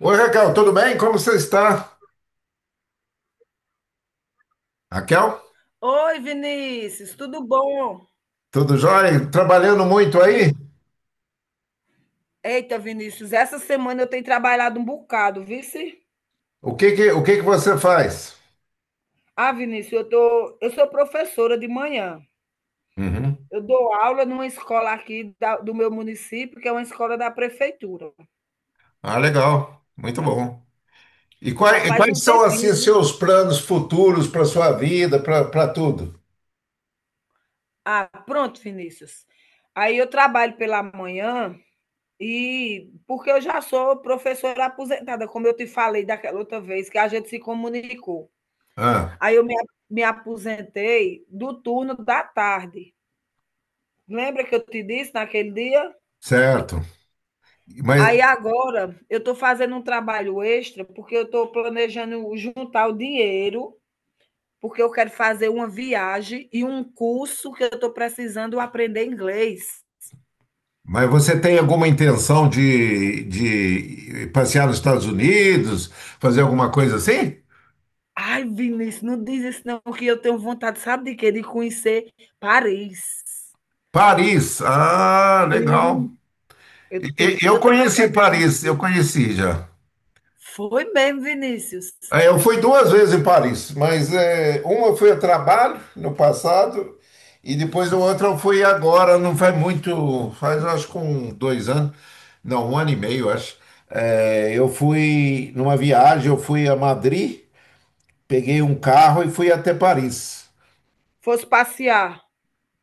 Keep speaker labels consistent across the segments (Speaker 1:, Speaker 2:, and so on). Speaker 1: Oi, Raquel, tudo bem? Como você está? Raquel,
Speaker 2: Oi, Vinícius, tudo bom?
Speaker 1: tudo jóia? Trabalhando muito aí?
Speaker 2: Vini- Eita, Vinícius, essa semana eu tenho trabalhado um bocado, vice?
Speaker 1: O que que você faz?
Speaker 2: Ah, Vinícius, eu sou professora de manhã.
Speaker 1: Uhum.
Speaker 2: Eu dou aula numa escola aqui da- do meu município, que é uma escola da prefeitura.
Speaker 1: Ah, legal, muito bom. E
Speaker 2: Já
Speaker 1: quais, e
Speaker 2: faz um
Speaker 1: quais são,
Speaker 2: tempinho,
Speaker 1: assim,
Speaker 2: viu?
Speaker 1: seus planos futuros para sua vida, para tudo?
Speaker 2: Ah, pronto, Vinícius. Aí eu trabalho pela manhã e porque eu já sou professora aposentada, como eu te falei daquela outra vez que a gente se comunicou.
Speaker 1: Ah,
Speaker 2: Aí eu me, Me aposentei do turno da tarde. Lembra que eu te disse naquele dia?
Speaker 1: certo. Mas,
Speaker 2: Aí agora eu estou fazendo um trabalho extra porque eu estou planejando juntar o dinheiro, porque eu quero fazer uma viagem e um curso que eu estou precisando aprender inglês.
Speaker 1: mas você tem alguma intenção de passear nos Estados Unidos, fazer alguma coisa assim?
Speaker 2: Ai, Vinícius, não diz isso não, que eu tenho vontade, sabe de quê? De conhecer Paris.
Speaker 1: Paris, ah, legal.
Speaker 2: Sim, eu tenho
Speaker 1: Eu
Speaker 2: tanta
Speaker 1: conheci
Speaker 2: vontade.
Speaker 1: Paris, eu conheci já.
Speaker 2: Foi mesmo, Vinícius.
Speaker 1: Ah, eu fui duas vezes em Paris, mas é, uma eu fui a trabalho no passado e depois a outra eu fui agora, não faz muito, faz acho que um, dois anos, não, um ano e meio, acho. É, eu fui numa viagem, eu fui a Madrid, peguei um carro e fui até Paris.
Speaker 2: Fosse passear.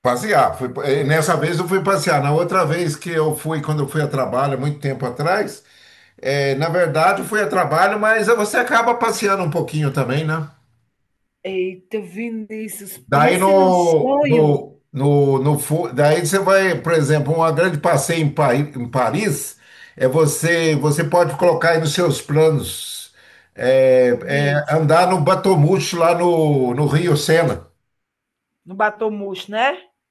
Speaker 1: Passear, fui, nessa vez eu fui passear. Na outra vez que eu fui, quando eu fui a trabalho, há muito tempo atrás, na verdade eu fui a trabalho, mas você acaba passeando um pouquinho também, né?
Speaker 2: Eita, Vinícius,
Speaker 1: Daí
Speaker 2: pense num
Speaker 1: no,
Speaker 2: sonho,
Speaker 1: no, no, no fu- daí você vai, por exemplo, uma grande passeio em Paris. É, você pode colocar aí nos seus planos. É, é
Speaker 2: diz.
Speaker 1: andar no Batomuxo, lá no Rio Sena.
Speaker 2: No batomuxo, né?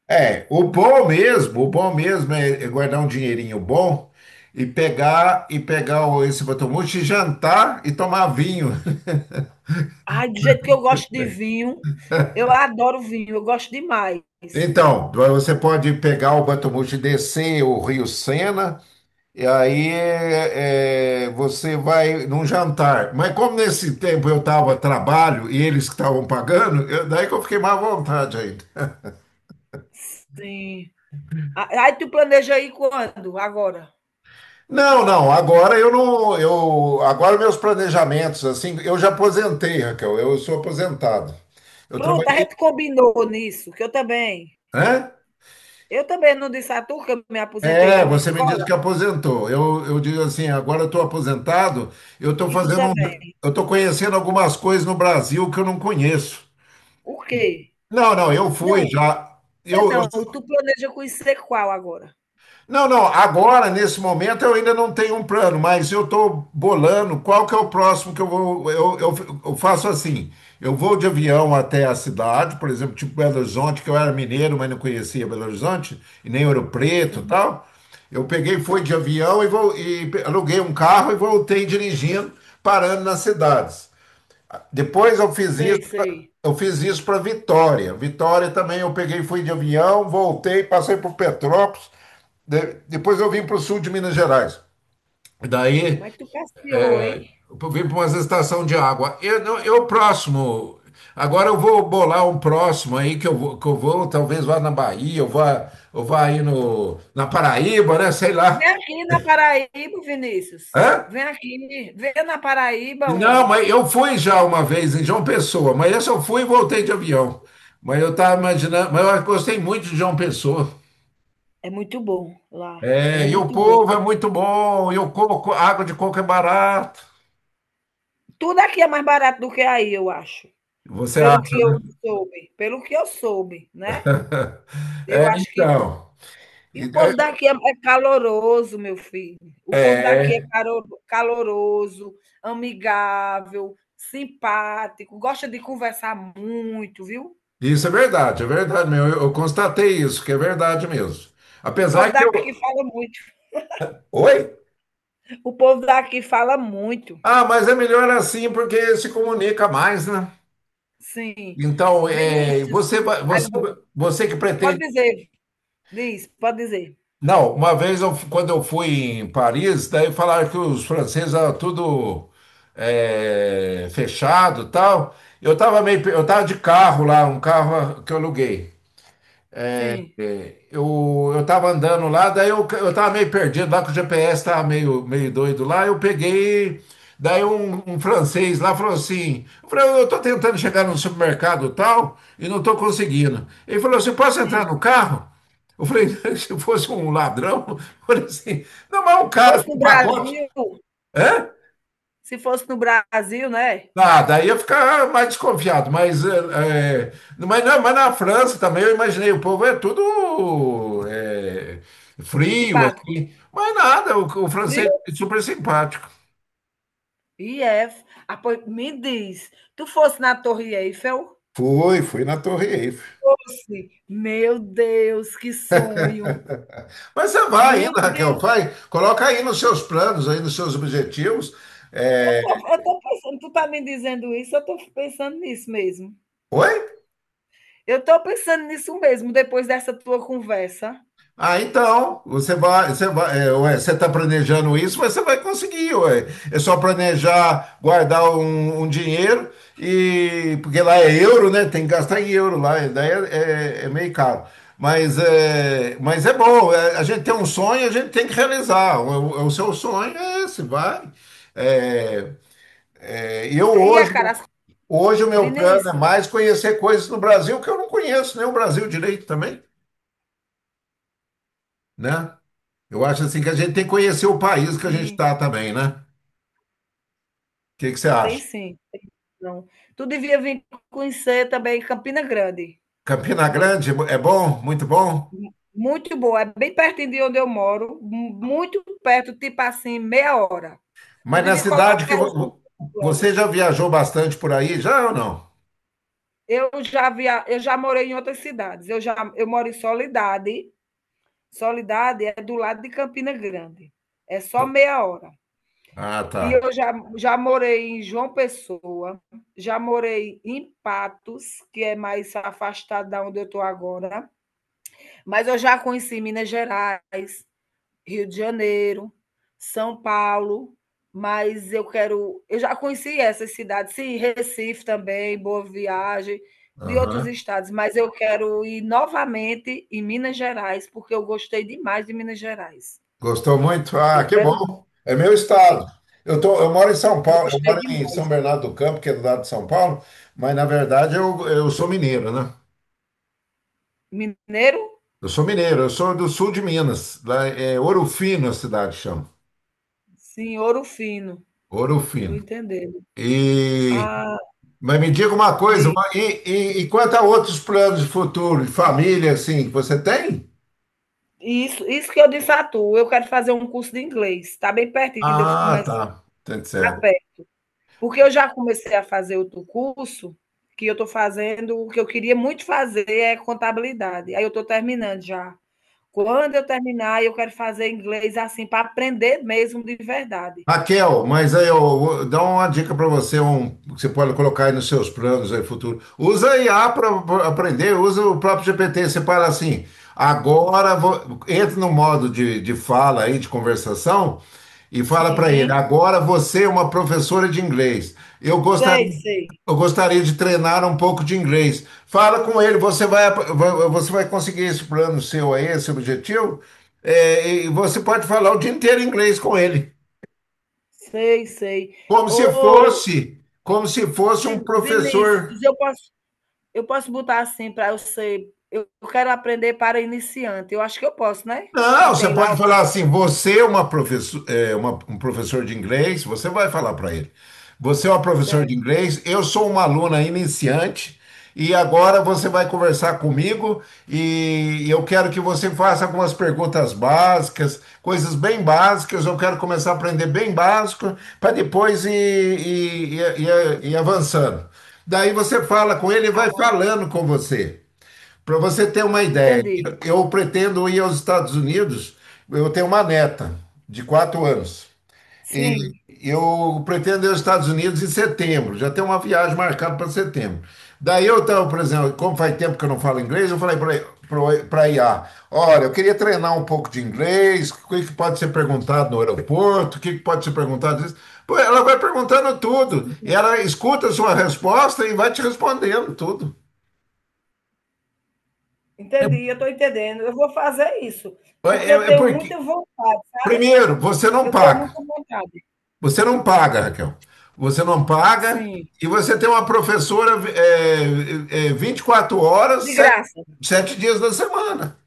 Speaker 1: É, o bom mesmo é guardar um dinheirinho bom e pegar esse Batomuxo e jantar e tomar vinho.
Speaker 2: Ai, do jeito que eu gosto de vinho, eu adoro vinho, eu gosto demais.
Speaker 1: Então, você pode pegar o Batomuxo e descer o Rio Sena. E aí, você vai num jantar. Mas como nesse tempo eu estava a trabalho e eles que estavam pagando, daí que eu fiquei mais à vontade ainda.
Speaker 2: Sim. A- Aí tu planeja aí quando? Agora.
Speaker 1: Não, não, agora eu não, eu, agora meus planejamentos, assim, eu já aposentei, Raquel, eu sou aposentado. Eu
Speaker 2: Pronto, a
Speaker 1: trabalhei,
Speaker 2: gente combinou nisso, que eu também.
Speaker 1: né?
Speaker 2: Eu também não disse a tu que eu me aposentei
Speaker 1: É,
Speaker 2: de uma
Speaker 1: você me disse
Speaker 2: escola
Speaker 1: que aposentou. Eu digo assim, agora eu estou aposentado, eu estou
Speaker 2: e tu também.
Speaker 1: conhecendo algumas coisas no Brasil que eu não conheço.
Speaker 2: O quê?
Speaker 1: Não, não, eu fui
Speaker 2: Não,
Speaker 1: já.
Speaker 2: é
Speaker 1: Eu, eu,
Speaker 2: não, tu planeja conhecer qual agora?
Speaker 1: Não, não, agora, nesse momento, eu ainda não tenho um plano, mas eu estou bolando qual que é o próximo que eu vou. Eu faço assim: eu vou de avião até a cidade, por exemplo, tipo Belo Horizonte, que eu era mineiro, mas não conhecia Belo Horizonte, e nem Ouro Preto e
Speaker 2: Sim.
Speaker 1: tal. Eu peguei, fui de avião e aluguei um carro e voltei dirigindo, parando nas cidades. Depois eu fiz isso
Speaker 2: Sei, sei.
Speaker 1: eu fiz isso para Vitória. Vitória também eu peguei, fui de avião, voltei, passei por Petrópolis, depois eu vim para o sul de Minas Gerais. E daí
Speaker 2: Mas tu passeou, hein?
Speaker 1: eu vim para uma estação de água. Eu, não- eu próximo. Agora eu vou bolar um próximo aí que eu vou talvez vá na Bahia, eu vá aí no, na Paraíba, né? Sei lá.
Speaker 2: Vem aqui na Paraíba, Vinícius.
Speaker 1: Hã?
Speaker 2: Vem aqui, vem na Paraíba,
Speaker 1: Não,
Speaker 2: homem.
Speaker 1: mas eu fui já uma vez em João Pessoa, mas essa eu fui e voltei de avião. Mas eu estava imaginando, mas eu gostei muito de João Pessoa.
Speaker 2: É muito bom lá, é
Speaker 1: É, e o
Speaker 2: muito bom.
Speaker 1: povo é muito bom, e o coco, água de coco é barato.
Speaker 2: Tudo aqui é mais barato do que aí, eu acho.
Speaker 1: Você
Speaker 2: Pelo que
Speaker 1: acha,
Speaker 2: eu
Speaker 1: né?
Speaker 2: soube, pelo que eu soube, né? Eu
Speaker 1: É,
Speaker 2: acho que.
Speaker 1: então.
Speaker 2: E o
Speaker 1: E-
Speaker 2: povo daqui é é caloroso, meu filho. O povo
Speaker 1: É,
Speaker 2: daqui é
Speaker 1: é,
Speaker 2: caro- caloroso, amigável, simpático, gosta de conversar muito, viu?
Speaker 1: isso é verdade mesmo. Eu constatei isso, que é verdade mesmo.
Speaker 2: O povo
Speaker 1: Apesar que
Speaker 2: daqui
Speaker 1: eu.
Speaker 2: fala muito.
Speaker 1: Oi?
Speaker 2: O povo daqui fala muito.
Speaker 1: Ah, mas é melhor assim porque se comunica mais, né?
Speaker 2: Sim.
Speaker 1: Então,
Speaker 2: Vinícius,
Speaker 1: você, vai-
Speaker 2: aí
Speaker 1: você,
Speaker 2: eu vou
Speaker 1: você que
Speaker 2: pode
Speaker 1: pretende.
Speaker 2: dizer, diz, pode dizer.
Speaker 1: Não, uma vez quando eu fui em Paris, daí falaram que os franceses eram tudo fechado, e tal. Eu tava de carro lá, um carro que eu aluguei.
Speaker 2: Sim,
Speaker 1: Eu tava andando lá, daí eu tava meio perdido lá, que o GPS tava meio doido lá. Eu peguei, daí um francês lá falou assim: eu falei, "Eu tô tentando chegar no supermercado tal e não tô conseguindo." Ele falou assim: "Posso entrar
Speaker 2: sim.
Speaker 1: no carro?" Eu falei: se fosse um ladrão, eu falei assim: não, mas é um
Speaker 2: Se
Speaker 1: cara
Speaker 2: fosse no
Speaker 1: com pacote.
Speaker 2: Brasil
Speaker 1: Hã?
Speaker 2: se fosse no Brasil, né,
Speaker 1: Ah, daí eu ia ficar mais desconfiado, mas, mas, não, mas na França também eu imaginei, o povo é tudo é, frio,
Speaker 2: simpático.
Speaker 1: assim, mas nada, o francês
Speaker 2: Frio?
Speaker 1: é super simpático.
Speaker 2: E é. Ah, pois me diz, tu fosse na Torre Eiffel?
Speaker 1: Foi, foi na Torre Eiffel.
Speaker 2: Fosse. Meu Deus, que sonho.
Speaker 1: Mas você vai
Speaker 2: Meu
Speaker 1: ainda, Raquel,
Speaker 2: Deus,
Speaker 1: vai, coloca aí nos seus planos, aí nos seus objetivos.
Speaker 2: eu
Speaker 1: É,
Speaker 2: tô eu tô pensando, tu tá me dizendo isso, eu tô pensando nisso mesmo.
Speaker 1: oi?
Speaker 2: Eu tô pensando nisso mesmo, depois dessa tua conversa.
Speaker 1: Ah, então, você vai, ué, você está planejando isso, mas você vai conseguir, ué. É só planejar, guardar um dinheiro, e porque lá é euro, né? Tem que gastar em euro lá, e daí é meio caro. Mas é bom. A gente tem um sonho, a gente tem que realizar. Seu sonho é esse, vai. É, é, eu
Speaker 2: E a
Speaker 1: hoje,
Speaker 2: Carasco
Speaker 1: hoje o meu plano
Speaker 2: Vinícius,
Speaker 1: é mais conhecer coisas no Brasil que eu não conheço, nem o Brasil direito também, né? Eu acho assim que a gente tem que conhecer o país que a gente
Speaker 2: sim.
Speaker 1: está também, né? O que que você
Speaker 2: Tem
Speaker 1: acha?
Speaker 2: sim. Não. Tu devia vir conhecer também Campina Grande.
Speaker 1: Campina Grande é bom, muito bom.
Speaker 2: Mu muito boa, é bem pertinho de onde eu moro, mu muito perto, tipo assim, meia hora. Tu
Speaker 1: Mas na
Speaker 2: devia colocar
Speaker 1: cidade
Speaker 2: isso nos teus
Speaker 1: você
Speaker 2: planos.
Speaker 1: já viajou bastante por aí, já ou não?
Speaker 2: Eu já morei em outras cidades. Eu moro em Solidade. Solidade é do lado de Campina Grande. É só meia hora.
Speaker 1: Ah, tá.
Speaker 2: E eu já morei em João Pessoa, já morei em Patos, que é mais afastado da onde eu estou agora. Mas eu já conheci Minas Gerais, Rio de Janeiro, São Paulo, mas eu quero. Eu já conheci essas cidades, sim, Recife também, Boa Viagem, de outros
Speaker 1: Aham.
Speaker 2: estados, mas eu quero ir novamente em Minas Gerais, porque eu gostei demais de Minas Gerais.
Speaker 1: Gostou muito? Ah,
Speaker 2: Eu
Speaker 1: que
Speaker 2: quero,
Speaker 1: bom. É meu estado.
Speaker 2: gostei,
Speaker 1: Eu moro em São Paulo, eu
Speaker 2: gostei
Speaker 1: moro em
Speaker 2: demais.
Speaker 1: São Bernardo do Campo, que é do lado de São Paulo, mas na verdade eu sou mineiro, né?
Speaker 2: Mineiro,
Speaker 1: Eu sou mineiro, eu sou do sul de Minas, lá é Ouro Fino a cidade chama.
Speaker 2: sim, ouro fino,
Speaker 1: Ouro
Speaker 2: tô
Speaker 1: Fino.
Speaker 2: entendendo.
Speaker 1: E,
Speaker 2: Ah,
Speaker 1: mas me diga uma coisa,
Speaker 2: de,
Speaker 1: e quanto a outros planos de futuro, de família, assim, que você tem?
Speaker 2: isso que eu disse a tu, eu quero fazer um curso de inglês. Está bem pertinho de eu
Speaker 1: Ah,
Speaker 2: come-
Speaker 1: tá, tá certo.
Speaker 2: pé. Porque eu já comecei a fazer outro curso, que eu estou fazendo, o que eu queria muito fazer é contabilidade. Aí eu estou terminando já. Quando eu terminar, eu quero fazer inglês assim, para aprender mesmo de verdade.
Speaker 1: Raquel,
Speaker 2: Porque,
Speaker 1: mas aí eu dá uma dica para você, que você pode colocar aí nos seus planos aí futuro. Usa a IA para aprender, usa o próprio GPT. Você fala assim, agora entra no modo de fala aí, de conversação, e fala para ele,
Speaker 2: sim,
Speaker 1: agora você é uma professora de inglês. Eu gostaria,
Speaker 2: sei, sei,
Speaker 1: eu gostaria de treinar um pouco de inglês. Fala com ele, você vai conseguir esse plano seu aí, esse objetivo, e você pode falar o dia inteiro inglês com ele.
Speaker 2: sei, sei. Ô,
Speaker 1: Como se fosse um professor.
Speaker 2: Vinícius, eu posso botar assim para eu ser. Eu quero aprender para iniciante. Eu acho que eu posso, né? Que
Speaker 1: Não, você
Speaker 2: tem lá.
Speaker 1: pode
Speaker 2: O-
Speaker 1: falar assim, você é uma professor, um professor de inglês, você vai falar para ele. Você é um professor de
Speaker 2: Certo.
Speaker 1: inglês, eu sou uma aluna iniciante e agora você vai conversar comigo e eu quero que você faça algumas perguntas básicas, coisas bem básicas, eu quero começar a aprender bem básico para depois ir avançando. Daí você fala com ele e
Speaker 2: Ah,
Speaker 1: vai falando com você. Para você ter uma ideia,
Speaker 2: entendi.
Speaker 1: eu pretendo ir aos Estados Unidos. Eu tenho uma neta de 4 anos e
Speaker 2: Sim,
Speaker 1: eu pretendo ir aos Estados Unidos em setembro. Já tem uma viagem marcada para setembro. Daí eu estava, por exemplo, como faz tempo que eu não falo inglês, eu falei para a IA: "Olha, eu queria treinar um pouco de inglês, o que que pode ser perguntado no aeroporto, o que que pode ser perguntado. Disso?" Pô, ela vai perguntando tudo e
Speaker 2: sim.
Speaker 1: ela escuta a sua resposta e vai te respondendo tudo.
Speaker 2: Entendi, eu estou entendendo. Eu vou fazer isso,
Speaker 1: É,
Speaker 2: porque
Speaker 1: é
Speaker 2: eu
Speaker 1: é
Speaker 2: tenho
Speaker 1: porque
Speaker 2: muita vontade, sabe?
Speaker 1: Primeiro, você não
Speaker 2: Eu tenho
Speaker 1: paga.
Speaker 2: muita vontade.
Speaker 1: Você não paga, Raquel. Você não paga
Speaker 2: Sim.
Speaker 1: e você tem uma professora, 24 horas,
Speaker 2: De
Speaker 1: sete
Speaker 2: graça.
Speaker 1: sete dias da semana.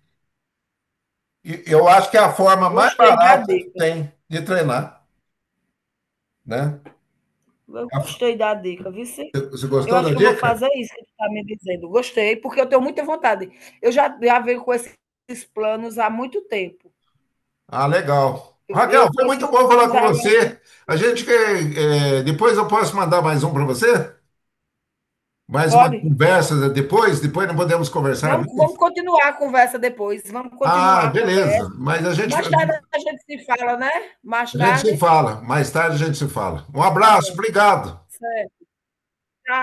Speaker 1: E eu acho que é a forma mais
Speaker 2: Gostei da
Speaker 1: barata que
Speaker 2: dica.
Speaker 1: tem de treinar, né?
Speaker 2: Eu
Speaker 1: A-
Speaker 2: gostei da dica, viu? Sim?
Speaker 1: Você
Speaker 2: Eu
Speaker 1: gostou
Speaker 2: acho
Speaker 1: da
Speaker 2: que eu vou
Speaker 1: dica?
Speaker 2: fazer isso que tu está me dizendo. Gostei, porque eu tenho muita vontade. Eu já venho com esses planos há muito tempo.
Speaker 1: Ah, legal.
Speaker 2: Eu,
Speaker 1: Raquel,
Speaker 2: eu com
Speaker 1: foi muito
Speaker 2: esses
Speaker 1: bom falar
Speaker 2: planos
Speaker 1: com
Speaker 2: agora. Que-
Speaker 1: você. A gente quer, depois eu posso mandar mais um para você? Mais uma
Speaker 2: Pode?
Speaker 1: conversa depois? Depois não podemos conversar
Speaker 2: Vamos,
Speaker 1: mais?
Speaker 2: vamos continuar a conversa depois. Vamos
Speaker 1: Ah,
Speaker 2: continuar a
Speaker 1: beleza.
Speaker 2: conversa. Mais tarde a gente se fala, né? Mais
Speaker 1: A gente
Speaker 2: tarde.
Speaker 1: se fala, mais tarde a gente se fala. Um
Speaker 2: Tá
Speaker 1: abraço,
Speaker 2: bom.
Speaker 1: obrigado.
Speaker 2: Certo.